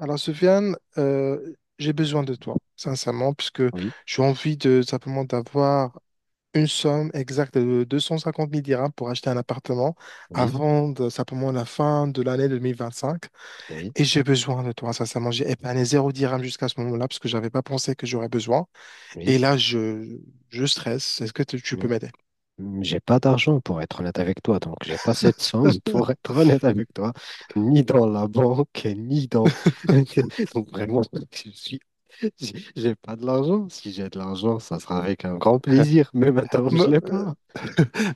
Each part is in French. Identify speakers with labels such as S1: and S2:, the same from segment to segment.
S1: Alors, Soufiane, j'ai besoin de toi, sincèrement, puisque
S2: Oui,
S1: j'ai envie de simplement d'avoir une somme exacte de 250 000 dirhams pour acheter un appartement
S2: oui,
S1: avant simplement la fin de l'année 2025.
S2: oui,
S1: Et j'ai besoin de toi, sincèrement. J'ai épargné 0 dirham jusqu'à ce moment-là, parce que je n'avais pas pensé que j'aurais besoin. Et
S2: oui,
S1: là, je stresse. Est-ce que tu peux
S2: mais
S1: m'aider?
S2: j'ai pas d'argent pour être honnête avec toi, donc j'ai pas cette somme pour être honnête avec toi, ni dans la banque, ni dans. Donc vraiment, je suis, j'ai pas de l'argent. Si j'ai de l'argent, ça sera avec un grand plaisir, mais maintenant je l'ai pas.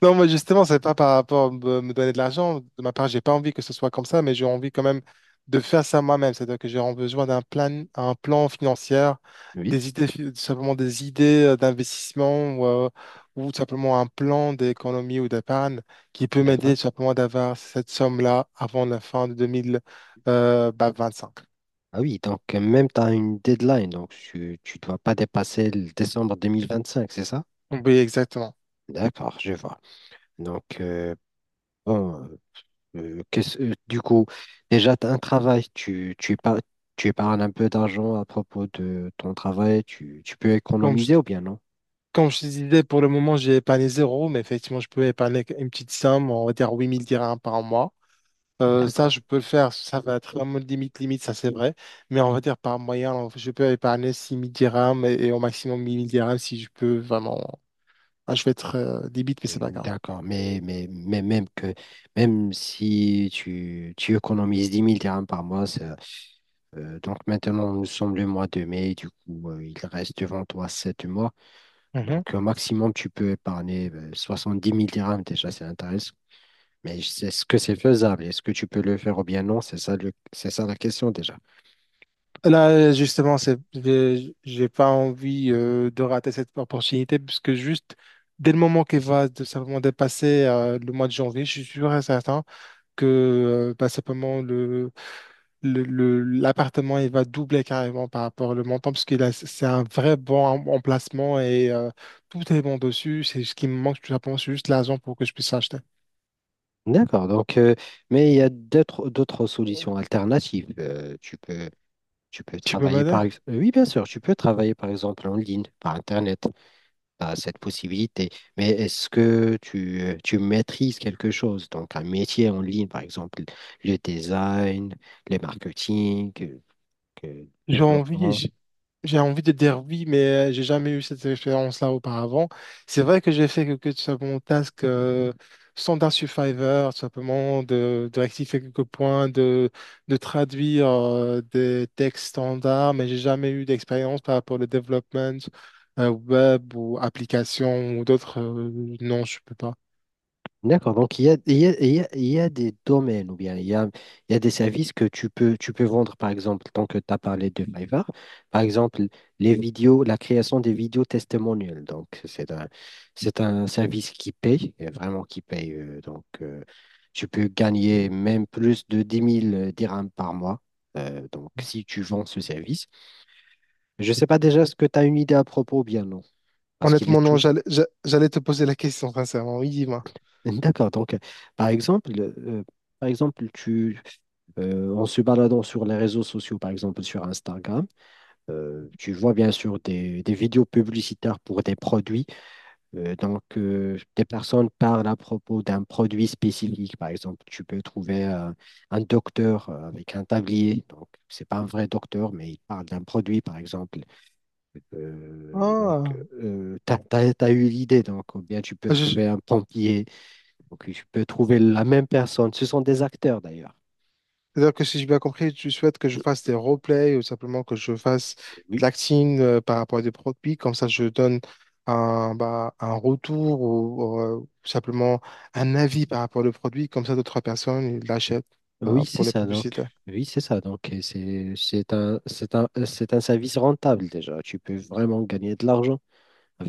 S1: Non, moi justement, c'est pas par rapport à me donner de l'argent. De ma part, j'ai pas envie que ce soit comme ça, mais j'ai envie quand même de faire ça moi-même. C'est-à-dire que j'ai besoin d'un plan, un plan financier,
S2: Oui,
S1: des idées, simplement des idées d'investissement ou tout simplement un plan d'économie ou d'épargne qui peut m'aider
S2: d'accord.
S1: tout simplement d'avoir cette somme-là avant la fin de 2025.
S2: Ah oui, donc même tu as une deadline, donc tu dois pas dépasser le décembre 2025, c'est ça?
S1: Oui, exactement.
S2: D'accord, je vois. Donc, bon. Du coup, déjà, tu as un travail, tu épargnes, tu épargnes un peu d'argent à propos de ton travail, tu peux
S1: Comme je,
S2: économiser ou bien non?
S1: comme je te disais, pour le moment, j'ai épargné zéro, mais effectivement, je peux épargner une petite somme, on va dire 8 000 dirhams par mois. Ça,
S2: D'accord.
S1: je peux le faire. Ça va être vraiment limite, limite, ça c'est vrai. Mais on va dire par moyen, je peux épargner 6 000 dirhams et au maximum 1 000 dirhams si je peux vraiment. Ah, je vais être débite, mais c'est pas
S2: Mm,
S1: grave.
S2: d'accord, même que même si tu économises 10 000 dirhams par mois. Donc maintenant nous sommes le mois de mai, du coup il reste devant toi 7 mois,
S1: Mhm.
S2: donc au maximum tu peux épargner 10 000 dirhams déjà, c'est intéressant. Mais est-ce que c'est faisable? Est-ce que tu peux le faire ou bien non? C'est ça le, c'est ça la question déjà.
S1: Là, justement, c'est, j'ai pas envie de rater cette opportunité puisque juste dès le moment qu'elle va simplement dépasser le mois de janvier, je suis sûr et certain que bah, simplement l'appartement il va doubler carrément par rapport au montant parce qu'il a c'est un vrai bon emplacement et tout est bon dessus. C'est ce qui me manque tout simplement, c'est juste l'argent pour que je puisse l'acheter.
S2: D'accord. Donc, mais il y a d'autres solutions alternatives. Tu peux
S1: Tu peux
S2: travailler
S1: m'aider?
S2: par ex- Oui, bien sûr, tu peux travailler par exemple en ligne par Internet. Tu as cette possibilité. Mais est-ce que tu maîtrises quelque chose? Donc un métier en ligne, par exemple le design, le marketing, le
S1: J'ai
S2: développement.
S1: envie, J'ai envie de dire oui, mais j'ai jamais eu cette expérience-là auparavant. C'est vrai que j'ai fait quelques simplement tasks standard Survivor, tout simplement de rectifier quelques points, de traduire des textes standards, mais j'ai jamais eu d'expérience par rapport au développement web ou application ou d'autres. Non, je peux pas.
S2: D'accord, donc il y a des domaines ou bien il y a des services que tu peux vendre, par exemple, tant que tu as parlé de Fiverr, par exemple, les vidéos, la création des vidéos testimoniales. Donc, c'est un service qui paye, et vraiment qui paye. Donc, tu peux gagner même plus de 10 000 dirhams par mois. Donc, si tu vends ce service, je ne sais pas déjà ce que tu as une idée à propos ou bien non, parce qu'il est
S1: Honnêtement, non,
S2: tout.
S1: j'allais te poser la question, sincèrement. Oui, dis-moi.
S2: D'accord, donc, par exemple, euh, par exemple, en se baladant sur les réseaux sociaux, par exemple sur Instagram, tu vois bien sûr des vidéos publicitaires pour des produits. Des personnes parlent à propos d'un produit spécifique. Par exemple, tu peux trouver un docteur avec un tablier. Donc, c'est pas un vrai docteur, mais il parle d'un produit, par exemple. Euh, donc, t'as eu l'idée. Donc, ou bien tu peux
S1: Ah.
S2: trouver un pompier. Donc, tu peux trouver la même personne. Ce sont des acteurs, d'ailleurs.
S1: C'est-à-dire que si j'ai bien compris, tu souhaites que je fasse des roleplays ou simplement que je fasse
S2: Oui,
S1: de l'acting par rapport à des produits, comme ça je donne bah, un retour ou simplement un avis par rapport au produit, comme ça d'autres personnes ils l'achètent bah,
S2: oui, c'est
S1: pour les
S2: ça donc.
S1: publicités.
S2: Oui, c'est ça donc. Et c'est un service rentable déjà. Tu peux vraiment gagner de l'argent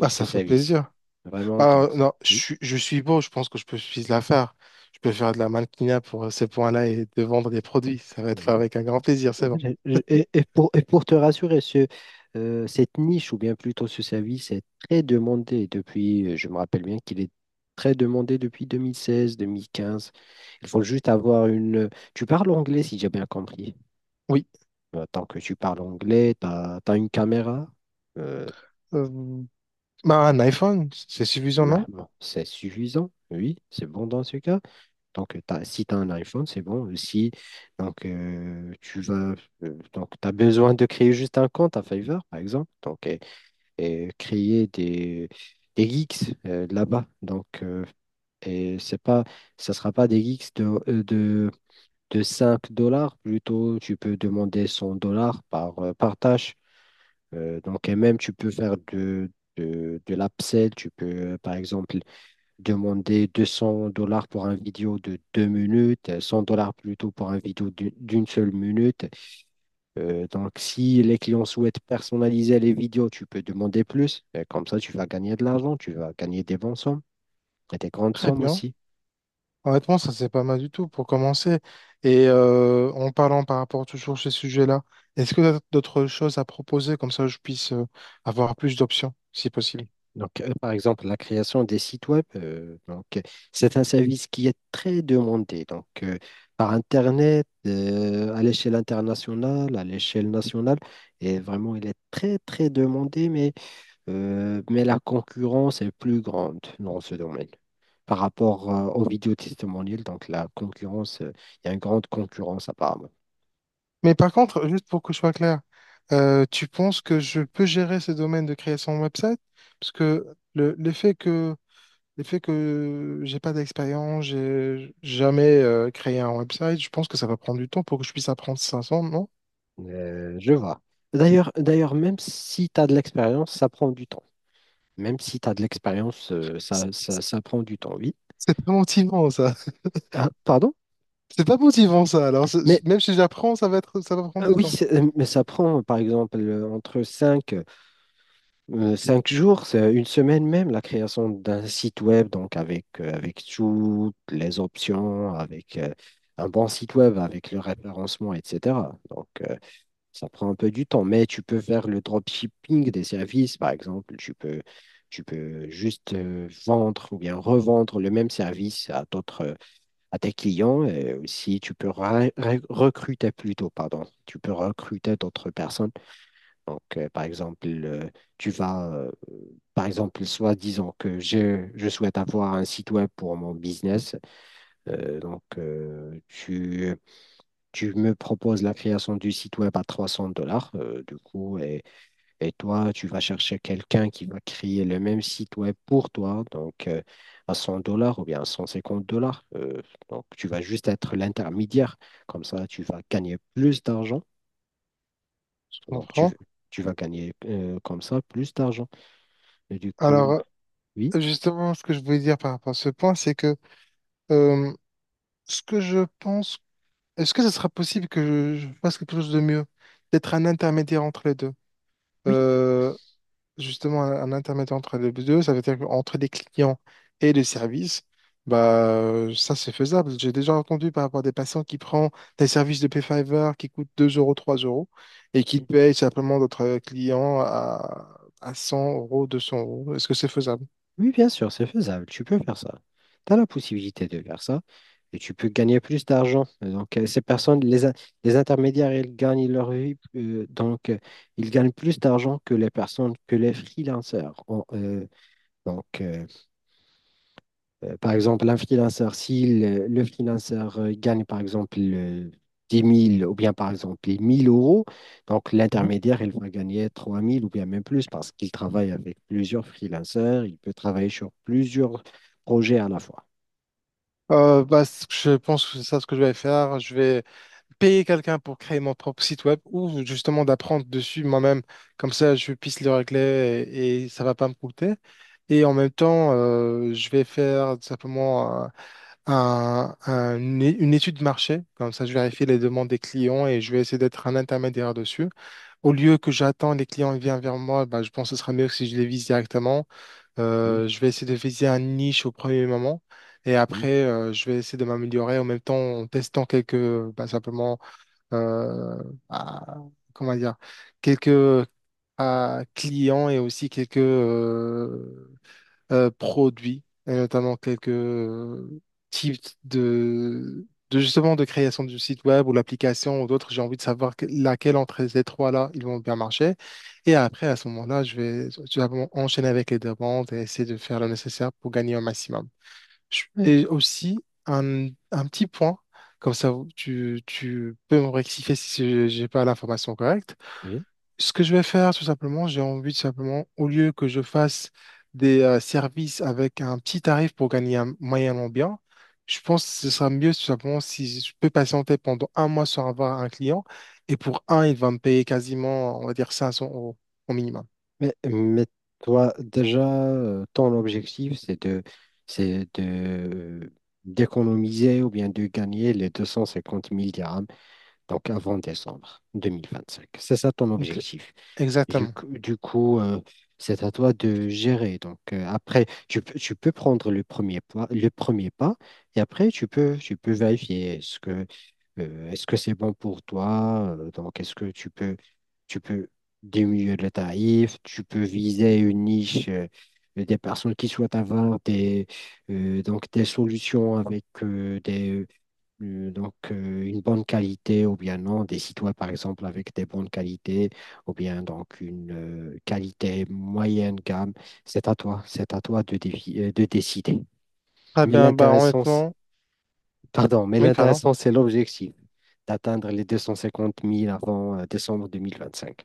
S1: Bah,
S2: ce
S1: ça fait
S2: service.
S1: plaisir.
S2: Vraiment
S1: Bah,
S2: donc
S1: non, je,
S2: oui.
S1: suis je suis beau, je pense que je peux suffire la faire. Je peux faire de la mannequinat pour ces points-là et de vendre des produits. Ça va être fait
S2: Oui.
S1: avec un grand plaisir, c'est
S2: Euh,
S1: bon.
S2: et pour te rassurer, ce cette niche ou bien plutôt ce service est très demandé depuis. Je me rappelle bien qu'il est très demandé depuis 2016, 2015. Il faut juste avoir une. Tu parles anglais si j'ai bien compris.
S1: Oui.
S2: Tant que tu parles anglais, t'as as une caméra. euh,
S1: Euh, Bah, un iPhone, c'est suffisant,
S2: Bah,
S1: non?
S2: bon, c'est suffisant, oui, c'est bon dans ce cas. Donc, si tu as un iPhone, c'est bon. Si Donc, tu as besoin de créer juste un compte à Fiverr, par exemple, donc, et créer des geeks là-bas. Donc, et c'est pas, ça sera pas des geeks de 5 dollars. Plutôt, tu peux demander 100 dollars par, par tâche. Donc, et même, tu peux faire de l'upsell. Tu peux, par exemple, demander 200 dollars pour un vidéo de 2 minutes, 100 dollars plutôt pour un vidéo d'une seule minute. Donc, si les clients souhaitent personnaliser les vidéos, tu peux demander plus. Comme ça, tu vas gagner de l'argent, tu vas gagner des bonnes sommes et des grandes
S1: Très
S2: sommes
S1: bien.
S2: aussi.
S1: Honnêtement, ça c'est pas mal du tout pour commencer. Et en parlant par rapport toujours à ces sujets-là, est-ce que tu as d'autres choses à proposer comme ça je puisse avoir plus d'options si possible?
S2: Donc, par exemple, la création des sites web, c'est un service qui est très demandé. Donc, par Internet, à l'échelle internationale, à l'échelle nationale, et vraiment, il est très, très demandé, mais la concurrence est plus grande dans ce domaine par rapport aux vidéos testimoniales. Donc, la concurrence, il y a une grande concurrence apparemment.
S1: Mais par contre, juste pour que je sois clair, tu penses que je peux gérer ces domaines de création de website? Parce que le, le fait que le fait que j'ai pas d'expérience, j'ai jamais créé un website, je pense que ça va prendre du temps pour que je puisse apprendre 500, non?
S2: Je vois. D'ailleurs, d'ailleurs, même si tu as de l'expérience, ça prend du temps. Même si tu as de l'expérience,
S1: C'est
S2: ça prend du temps, oui.
S1: c'est pas motivant ça.
S2: Ah, pardon?
S1: C'est pas motivant ça. Alors
S2: Mais
S1: même si j'apprends, ça va prendre du
S2: oui,
S1: temps.
S2: mais ça prend, par exemple, entre 5 5 jours, c'est une semaine même, la création d'un site web, donc avec, avec toutes les options, avec un bon site web, avec le référencement, etc. Donc, ça prend un peu du temps, mais tu peux faire le dropshipping des services, par exemple. Tu peux juste vendre ou bien revendre le même service à d'autres, à tes clients. Et aussi, tu peux recruter plutôt, pardon. Tu peux recruter d'autres personnes, donc, tu vas, euh, par exemple, soit disons que je souhaite avoir un site web pour mon business. Euh, donc, euh, tu, Tu me proposes la création du site web à 300 dollars, du coup, et toi, tu vas chercher quelqu'un qui va créer le même site web pour toi, donc à 100 dollars ou bien à 150 dollars. Donc, tu vas juste être l'intermédiaire. Comme ça, tu vas gagner plus d'argent.
S1: Je
S2: Donc, tu,
S1: comprends.
S2: tu vas gagner comme ça plus d'argent. Et du coup,
S1: Alors
S2: oui,
S1: justement, ce que je voulais dire par rapport à ce point, c'est que euh, ce que je pense, est-ce que ce sera possible que je fasse quelque chose de mieux? D'être un intermédiaire entre les deux.
S2: oui,
S1: Euh, Justement un intermédiaire entre les deux, ça veut dire qu'entre les clients et les services, bah, ça c'est faisable. J'ai déjà entendu par rapport à des patients qui prennent des services de Payfiver qui coûtent 2 euros, 3 € et qui
S2: oui,
S1: payent simplement d'autres clients à 100 euros, 200 euros. Est-ce que c'est faisable?
S2: oui, bien sûr, c'est faisable. Tu peux faire ça. Tu as la possibilité de faire ça et tu peux gagner plus d'argent. Et donc, ces personnes, les intermédiaires, ils gagnent leur vie. Donc, ils gagnent plus d'argent que les personnes, que les freelancers. Ont, donc, euh, par exemple, un freelanceur, si le, le freelanceur gagne par exemple 10 000 ou bien par exemple 1000 euros, donc
S1: Mhm.
S2: l'intermédiaire, il va gagner 3000 ou bien même plus parce qu'il travaille avec plusieurs freelanceurs, il peut travailler sur plusieurs projets à la fois.
S1: Bah, ce que je pense que c'est ça ce que je vais faire. Je vais payer quelqu'un pour créer mon propre site web ou justement d'apprendre dessus moi-même. Comme ça, je puisse le régler et ça va pas me coûter. Et en même temps, je vais faire tout simplement une étude de marché. Comme ça, je vérifie les demandes des clients et je vais essayer d'être un intermédiaire dessus. Au lieu que j'attends les clients viennent vers moi, bah, je pense que ce sera mieux que si je les vise directement.
S2: Mm,
S1: Je vais essayer de viser un niche au premier moment. Et
S2: mm,
S1: après, je vais essayer de m'améliorer en même temps en testant quelques, bah, simplement euh, à, comment dire, quelques clients et aussi quelques produits, et notamment quelques types de justement de création du site web ou l'application ou d'autres. J'ai envie de savoir laquelle entre ces trois-là, ils vont bien marcher. Et après, à ce moment-là, je vais enchaîner avec les demandes et essayer de faire le nécessaire pour gagner au maximum.
S2: ouais,
S1: Et aussi, un petit point, comme ça tu peux me rectifier si j'ai pas l'information correcte.
S2: oui.
S1: Ce que je vais faire, tout simplement, j'ai envie de simplement, au lieu que je fasse des services avec un petit tarif pour gagner un moyennement bien, je pense que ce sera mieux tout simplement si je peux patienter pendant un mois sans avoir un client. Et pour un, il va me payer quasiment, on va dire, 500 € au minimum.
S2: Mais, toi, déjà, ton objectif, c'est de, c'est de, d'économiser ou bien de gagner les 250 000 dirhams, donc avant décembre 2025. C'est ça ton
S1: Donc,
S2: objectif. Du,
S1: exactement.
S2: coup, du coup, euh, c'est à toi de gérer. Donc après, tu peux prendre le premier pas, et après tu peux vérifier est-ce que c'est bon pour toi? Donc, est-ce que tu peux diminuer le tarif, tu peux viser une niche. Des personnes qui souhaitent avoir des, donc des solutions avec une bonne qualité ou bien non, des sites web, par exemple, avec des bonnes qualités ou bien donc une qualité moyenne gamme. C'est à toi, c'est à toi de, de décider.
S1: Très
S2: Mais
S1: bien, bah
S2: l'intéressant,
S1: honnêtement,
S2: pardon, mais
S1: oui, pardon.
S2: l'intéressant, c'est l'objectif d'atteindre les 250 000 avant décembre 2025.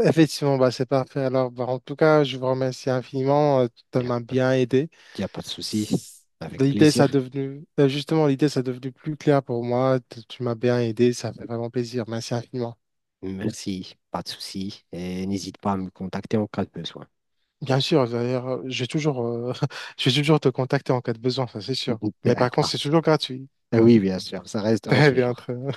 S1: Effectivement, bah, c'est parfait. Alors, bah, en tout cas, je vous remercie infiniment. Tu
S2: Il n'y a
S1: m'as
S2: pas,
S1: bien aidé.
S2: y a pas de souci,
S1: S-
S2: avec
S1: L'idée, ça a
S2: plaisir.
S1: devenu, justement, l'idée, ça a devenu plus clair pour moi. Tu m'as bien aidé. Ça fait vraiment plaisir. Merci infiniment.
S2: Merci, pas de souci. Et n'hésite pas à me contacter en cas de besoin.
S1: Bien sûr, d'ailleurs, je vais toujours te contacter en cas de besoin, ça c'est sûr. Mais par contre,
S2: D'accord.
S1: c'est toujours gratuit.
S2: Oui, bien sûr, ça restera
S1: Très bien,
S2: toujours.
S1: très bien.